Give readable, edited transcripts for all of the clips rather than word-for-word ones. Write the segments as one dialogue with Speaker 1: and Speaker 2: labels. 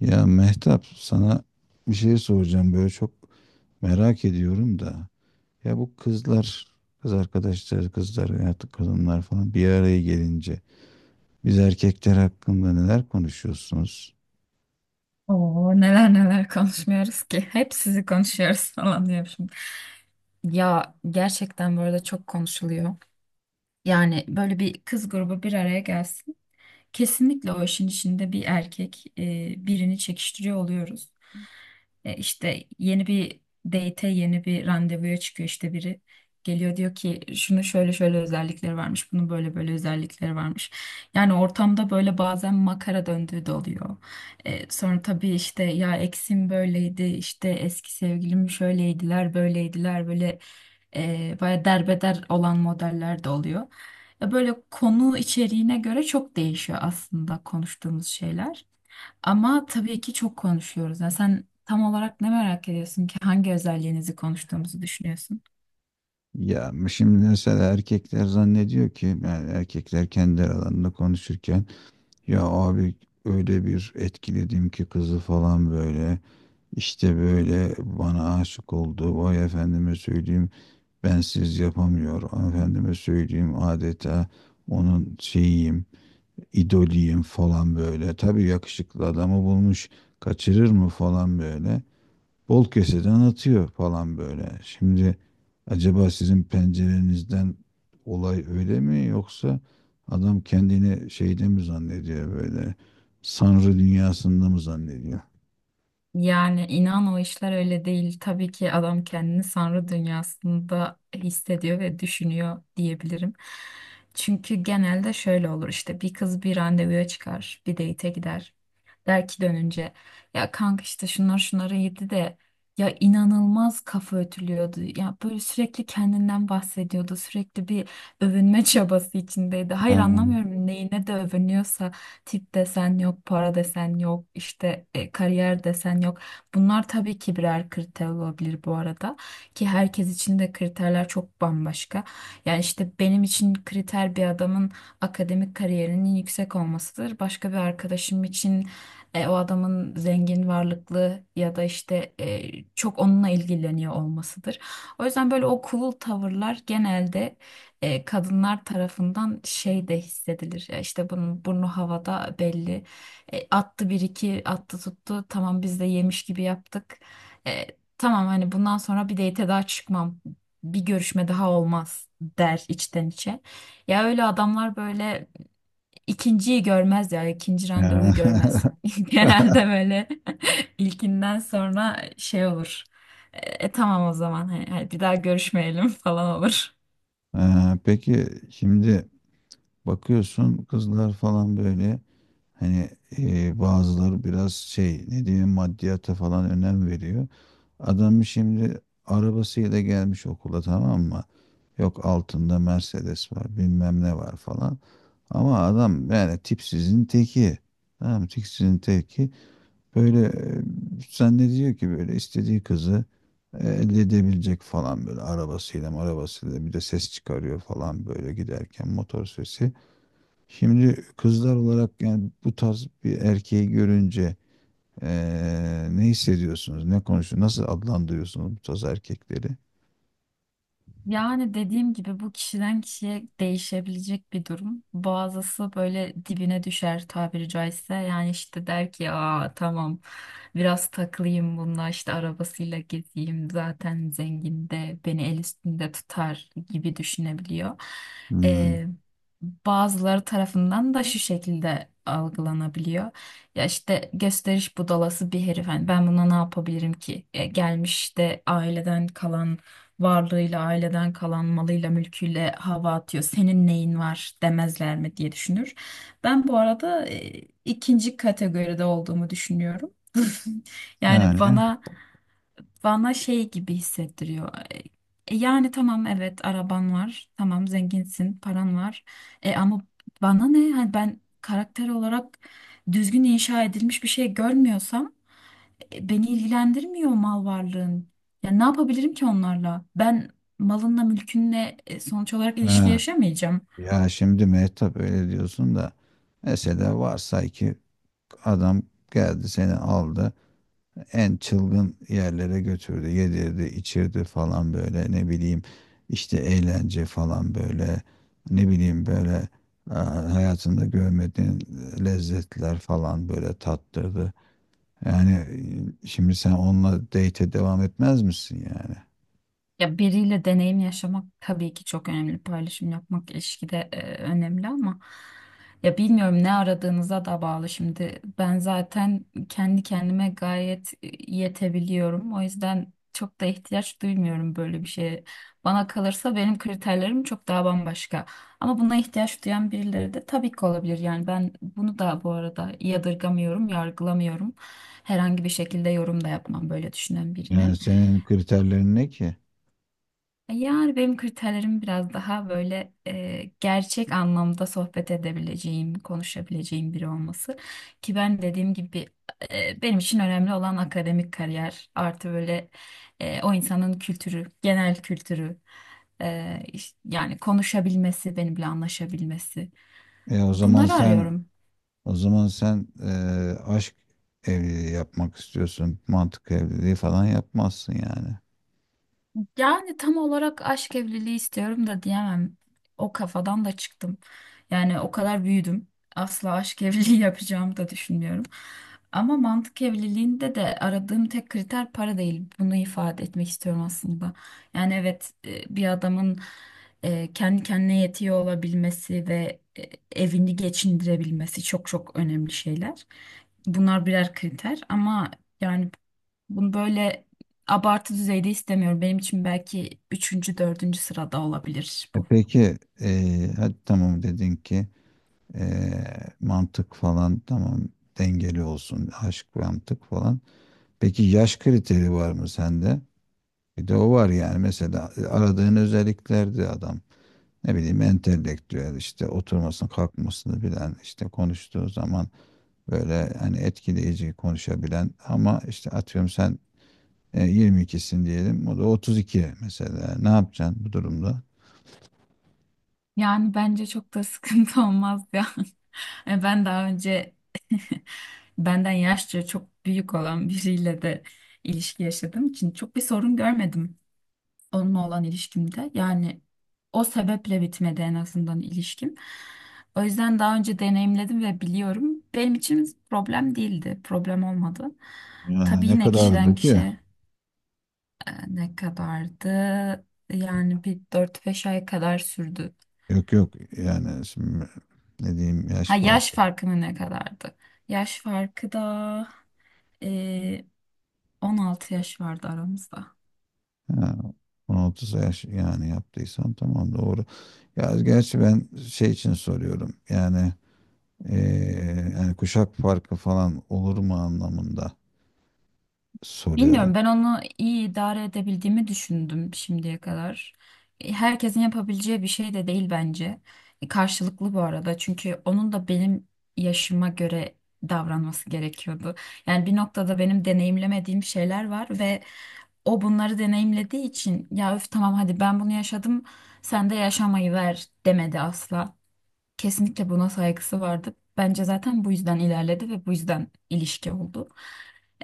Speaker 1: Ya Mehtap sana bir şey soracağım böyle çok merak ediyorum da. Ya bu kızlar, kız arkadaşlar, kızlar artık kadınlar falan bir araya gelince biz erkekler hakkında neler konuşuyorsunuz?
Speaker 2: Oo, neler neler konuşmuyoruz ki. Hep sizi konuşuyoruz falan diyorum şimdi. Ya gerçekten bu arada çok konuşuluyor. Yani böyle bir kız grubu bir araya gelsin. Kesinlikle o işin içinde bir erkek birini çekiştiriyor oluyoruz. İşte yeni bir date'e yeni bir randevuya çıkıyor işte biri. Geliyor diyor ki şunu şöyle şöyle özellikleri varmış, bunun böyle böyle özellikleri varmış. Yani ortamda böyle bazen makara döndüğü de oluyor. Sonra tabii işte ya eksim böyleydi, işte eski sevgilim şöyleydiler, böyleydiler, böyle baya derbeder olan modeller de oluyor. Böyle konu içeriğine göre çok değişiyor aslında konuştuğumuz şeyler. Ama tabii ki çok konuşuyoruz. Yani sen tam olarak ne merak ediyorsun ki hangi özelliğinizi konuştuğumuzu düşünüyorsun?
Speaker 1: Ya şimdi mesela erkekler zannediyor ki yani erkekler kendi aralarında konuşurken ya abi öyle bir etkiledim ki kızı falan böyle işte böyle bana aşık oldu vay efendime söyleyeyim bensiz yapamıyor. Efendime söyleyeyim adeta onun şeyiyim, idoliyim falan böyle. Tabii yakışıklı adamı bulmuş, kaçırır mı falan böyle. Bol keseden atıyor falan böyle. Şimdi acaba sizin pencerenizden olay öyle mi yoksa adam kendini şeyde mi zannediyor böyle? Sanrı dünyasında mı zannediyor?
Speaker 2: Yani inan o işler öyle değil. Tabii ki adam kendini sanrı dünyasında hissediyor ve düşünüyor diyebilirim. Çünkü genelde şöyle olur işte bir kız bir randevuya çıkar, bir date'e gider. Der ki dönünce ya kanka işte şunlar şunları yedi de ya inanılmaz kafa ötülüyordu. Ya böyle sürekli kendinden bahsediyordu. Sürekli bir övünme çabası içindeydi.
Speaker 1: Ha.
Speaker 2: Hayır anlamıyorum neyine de övünüyorsa tip desen yok, para desen yok, işte kariyer desen yok. Bunlar tabii ki birer kriter olabilir bu arada ki herkes için de kriterler çok bambaşka. Yani işte benim için kriter bir adamın akademik kariyerinin yüksek olmasıdır. Başka bir arkadaşım için o adamın zengin, varlıklı ya da işte çok onunla ilgileniyor olmasıdır. O yüzden böyle o cool tavırlar genelde kadınlar tarafından şey de hissedilir. Ya İşte bunun burnu havada belli. Attı bir iki attı tuttu. Tamam biz de yemiş gibi yaptık. E, tamam hani bundan sonra bir date daha çıkmam. Bir görüşme daha olmaz der içten içe. Ya öyle adamlar böyle ikinciyi görmez ya ikinci
Speaker 1: Ha.
Speaker 2: randevuyu görmez. Genelde böyle ilkinden sonra şey olur. E, tamam o zaman hani bir daha görüşmeyelim falan olur.
Speaker 1: Ha. Peki şimdi bakıyorsun kızlar falan böyle hani bazıları biraz şey ne diyeyim maddiyata falan önem veriyor. Adam şimdi arabasıyla gelmiş okula, tamam mı? Yok altında Mercedes var bilmem ne var falan. Ama adam yani tipsizin teki. Tamam mı? Tipsizin teki. Böyle zannediyor ki böyle istediği kızı elde edebilecek falan böyle arabasıyla bir de ses çıkarıyor falan böyle giderken motor sesi. Şimdi kızlar olarak yani bu tarz bir erkeği görünce ne hissediyorsunuz? Ne konuşuyorsunuz? Nasıl adlandırıyorsunuz bu tarz erkekleri?
Speaker 2: Yani dediğim gibi bu kişiden kişiye değişebilecek bir durum. Bazısı böyle dibine düşer tabiri caizse. Yani işte der ki aa tamam biraz takılayım bununla işte arabasıyla gezeyim zaten zengin de beni el üstünde tutar gibi düşünebiliyor.
Speaker 1: Hmm,
Speaker 2: Ee, bazıları tarafından da şu şekilde algılanabiliyor. Ya işte gösteriş budalası bir herif. Hani ben buna ne yapabilirim ki? Gelmiş de aileden kalan varlığıyla, aileden kalan malıyla, mülküyle hava atıyor. Senin neyin var demezler mi diye düşünür. Ben bu arada ikinci kategoride olduğumu düşünüyorum. Yani
Speaker 1: Yani
Speaker 2: bana şey gibi hissettiriyor. Yani tamam evet araban var. Tamam zenginsin, paran var. E ama bana ne? Hani ben karakter olarak düzgün inşa edilmiş bir şey görmüyorsam beni ilgilendirmiyor mal varlığın. Ya ne yapabilirim ki onlarla? Ben malınla mülkünle sonuç olarak ilişki
Speaker 1: ha,
Speaker 2: yaşamayacağım.
Speaker 1: ya şimdi Mehtap öyle diyorsun da mesela varsay ki adam geldi seni aldı. En çılgın yerlere götürdü. Yedirdi, içirdi falan böyle ne bileyim işte eğlence falan böyle ne bileyim böyle e, hayatında görmediğin lezzetler falan böyle tattırdı. Yani şimdi sen onunla date'e devam etmez misin yani?
Speaker 2: Ya biriyle deneyim yaşamak tabii ki çok önemli. Paylaşım yapmak ilişkide önemli ama ya bilmiyorum ne aradığınıza da bağlı. Şimdi ben zaten kendi kendime gayet yetebiliyorum. O yüzden çok da ihtiyaç duymuyorum böyle bir şeye. Bana kalırsa benim kriterlerim çok daha bambaşka. Ama buna ihtiyaç duyan birileri de tabii ki olabilir. Yani ben bunu da bu arada yadırgamıyorum, yargılamıyorum. Herhangi bir şekilde yorum da yapmam böyle düşünen birine.
Speaker 1: Yani senin kriterlerin ne ki?
Speaker 2: Yani benim kriterlerim biraz daha böyle gerçek anlamda sohbet edebileceğim, konuşabileceğim biri olması. Ki ben dediğim gibi benim için önemli olan akademik kariyer artı böyle o insanın kültürü, genel kültürü, yani konuşabilmesi, benimle anlaşabilmesi.
Speaker 1: E o zaman
Speaker 2: Bunları
Speaker 1: sen
Speaker 2: arıyorum.
Speaker 1: o zaman sen e, aşk evliliği yapmak istiyorsun. Mantık evliliği falan yapmazsın yani.
Speaker 2: Yani tam olarak aşk evliliği istiyorum da diyemem. O kafadan da çıktım. Yani o kadar büyüdüm. Asla aşk evliliği yapacağımı da düşünmüyorum. Ama mantık evliliğinde de aradığım tek kriter para değil. Bunu ifade etmek istiyorum aslında. Yani evet bir adamın kendi kendine yetiyor olabilmesi ve evini geçindirebilmesi çok çok önemli şeyler. Bunlar birer kriter ama yani bunu böyle abartı düzeyde istemiyorum. Benim için belki üçüncü, dördüncü sırada olabilir
Speaker 1: E
Speaker 2: bu.
Speaker 1: peki hadi tamam dedin ki e, mantık falan tamam dengeli olsun aşk mantık falan. Peki yaş kriteri var mı sende? Bir de o var yani mesela aradığın özelliklerde adam ne bileyim entelektüel işte oturmasını kalkmasını bilen işte konuştuğu zaman böyle hani etkileyici konuşabilen ama işte atıyorum sen 22'sin diyelim o da 32 mesela ne yapacaksın bu durumda?
Speaker 2: Yani bence çok da sıkıntı olmaz ya. Ben daha önce benden yaşça çok büyük olan biriyle de ilişki yaşadığım için çok bir sorun görmedim onunla olan ilişkimde. Yani o sebeple bitmedi en azından ilişkim. O yüzden daha önce deneyimledim ve biliyorum. Benim için problem değildi, problem olmadı.
Speaker 1: Yani
Speaker 2: Tabii
Speaker 1: ne
Speaker 2: yine kişiden
Speaker 1: kadardı ki?
Speaker 2: kişiye ne kadardı? Yani bir 4-5 ay kadar sürdü.
Speaker 1: Yok yok yani şimdi ne diyeyim yaş
Speaker 2: Ha yaş
Speaker 1: farkı.
Speaker 2: farkı mı ne kadardı? Yaş farkı da eee, 16 yaş vardı aramızda.
Speaker 1: Ha, 16 yaş yani yaptıysam tamam doğru. Ya gerçi ben şey için soruyorum yani yani kuşak farkı falan olur mu anlamında soruyorum.
Speaker 2: Bilmiyorum ben onu iyi idare edebildiğimi düşündüm şimdiye kadar. Herkesin yapabileceği bir şey de değil bence. Karşılıklı bu arada çünkü onun da benim yaşıma göre davranması gerekiyordu. Yani bir noktada benim deneyimlemediğim şeyler var ve o bunları deneyimlediği için ya öf tamam hadi ben bunu yaşadım sen de yaşamayı ver demedi asla. Kesinlikle buna saygısı vardı. Bence zaten bu yüzden ilerledi ve bu yüzden ilişki oldu.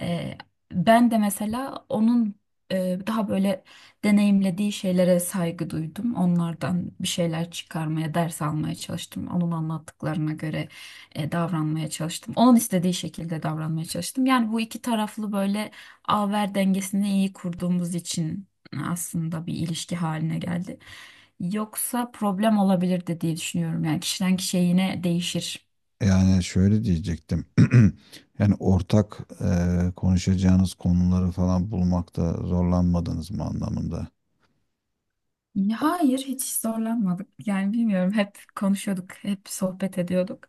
Speaker 2: Ee, ben de mesela onun daha böyle deneyimlediği şeylere saygı duydum. Onlardan bir şeyler çıkarmaya, ders almaya çalıştım. Onun anlattıklarına göre davranmaya çalıştım. Onun istediği şekilde davranmaya çalıştım. Yani bu iki taraflı böyle ver dengesini iyi kurduğumuz için aslında bir ilişki haline geldi. Yoksa problem olabilirdi diye düşünüyorum. Yani kişiden kişiye yine değişir.
Speaker 1: Yani şöyle diyecektim. Yani ortak konuşacağınız konuları falan bulmakta zorlanmadınız mı anlamında.
Speaker 2: Ya hayır, hiç zorlanmadık. Yani bilmiyorum, hep konuşuyorduk, hep sohbet ediyorduk.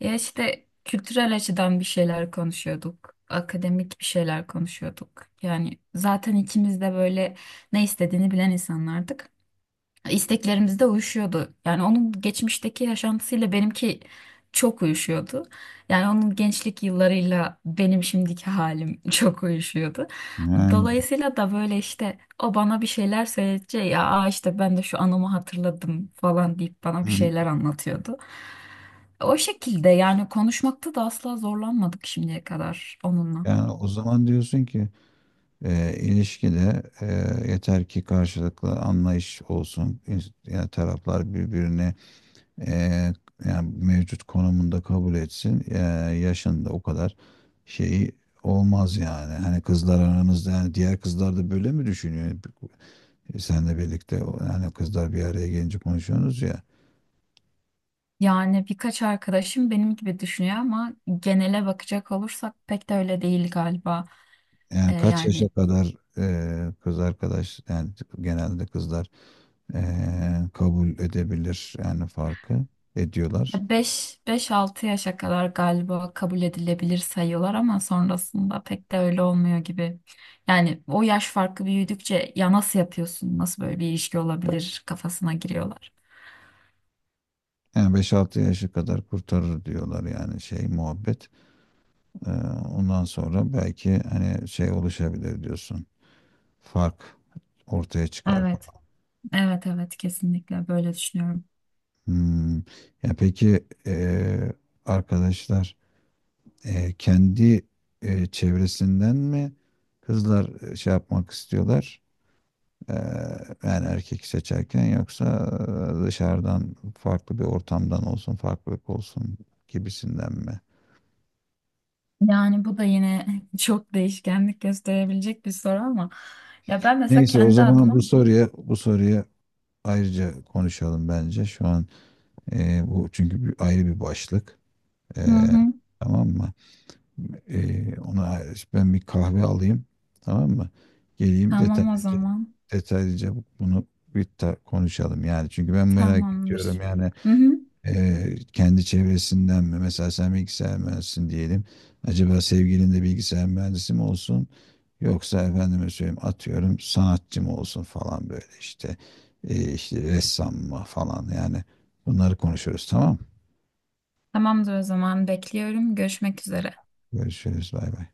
Speaker 2: Ya işte kültürel açıdan bir şeyler konuşuyorduk, akademik bir şeyler konuşuyorduk. Yani zaten ikimiz de böyle ne istediğini bilen insanlardık. İsteklerimiz de uyuşuyordu. Yani onun geçmişteki yaşantısıyla benimki çok uyuşuyordu. Yani onun gençlik yıllarıyla benim şimdiki halim çok uyuşuyordu.
Speaker 1: Ha.
Speaker 2: Dolayısıyla da böyle işte o bana bir şeyler söyleyince ya "Aa işte ben de şu anımı hatırladım" falan deyip bana bir
Speaker 1: Hı.
Speaker 2: şeyler anlatıyordu. O şekilde yani konuşmakta da asla zorlanmadık şimdiye kadar onunla.
Speaker 1: Yani o zaman diyorsun ki ilişkide yeter ki karşılıklı anlayış olsun. Yani taraflar birbirini e, yani mevcut konumunda kabul etsin. Yaşında o kadar şeyi olmaz yani. Hani kızlar aranızda yani diğer kızlar da böyle mi düşünüyor? Senle birlikte yani kızlar bir araya gelince konuşuyorsunuz ya.
Speaker 2: Yani birkaç arkadaşım benim gibi düşünüyor ama genele bakacak olursak pek de öyle değil galiba. E,
Speaker 1: Yani kaç yaşa
Speaker 2: yani
Speaker 1: kadar kız arkadaş yani genelde kızlar kabul edebilir yani farkı ediyorlar.
Speaker 2: beş altı yaşa kadar galiba kabul edilebilir sayıyorlar ama sonrasında pek de öyle olmuyor gibi. Yani o yaş farkı büyüdükçe ya nasıl yapıyorsun, nasıl böyle bir ilişki olabilir kafasına giriyorlar.
Speaker 1: Yani 5-6 yaşa kadar kurtarır diyorlar yani şey muhabbet. Ee, ondan sonra belki hani şey oluşabilir diyorsun. Fark ortaya çıkar
Speaker 2: Evet,
Speaker 1: falan.
Speaker 2: evet, evet, kesinlikle böyle düşünüyorum.
Speaker 1: Hmm. Ya peki arkadaşlar kendi çevresinden mi kızlar şey yapmak istiyorlar? Ee, yani erkek seçerken yoksa dışarıdan farklı bir ortamdan olsun, farklılık olsun gibisinden mi?
Speaker 2: Yani bu da yine çok değişkenlik gösterebilecek bir soru ama ya ben mesela
Speaker 1: Neyse o
Speaker 2: kendi
Speaker 1: zaman
Speaker 2: adıma
Speaker 1: bu soruya ayrıca konuşalım bence. Şu an bu çünkü bir, ayrı bir başlık. E,
Speaker 2: hı hı,
Speaker 1: tamam mı? Ona ben bir kahve alayım. Tamam mı? Geleyim
Speaker 2: tamam o
Speaker 1: detaylıca
Speaker 2: zaman
Speaker 1: detaylıca bunu bir konuşalım yani. Çünkü ben merak ediyorum
Speaker 2: tamamdır.
Speaker 1: yani
Speaker 2: Hı hı,
Speaker 1: Kendi çevresinden mi? Mesela sen bilgisayar mühendisisin diyelim. Acaba sevgilin de bilgisayar mühendisi mi olsun? Yoksa efendime söyleyeyim atıyorum sanatçı mı olsun falan böyle işte. İşte ressam mı falan yani. Bunları konuşuruz, tamam mı?
Speaker 2: tamamdır o zaman bekliyorum. Görüşmek üzere.
Speaker 1: Görüşürüz bay bay.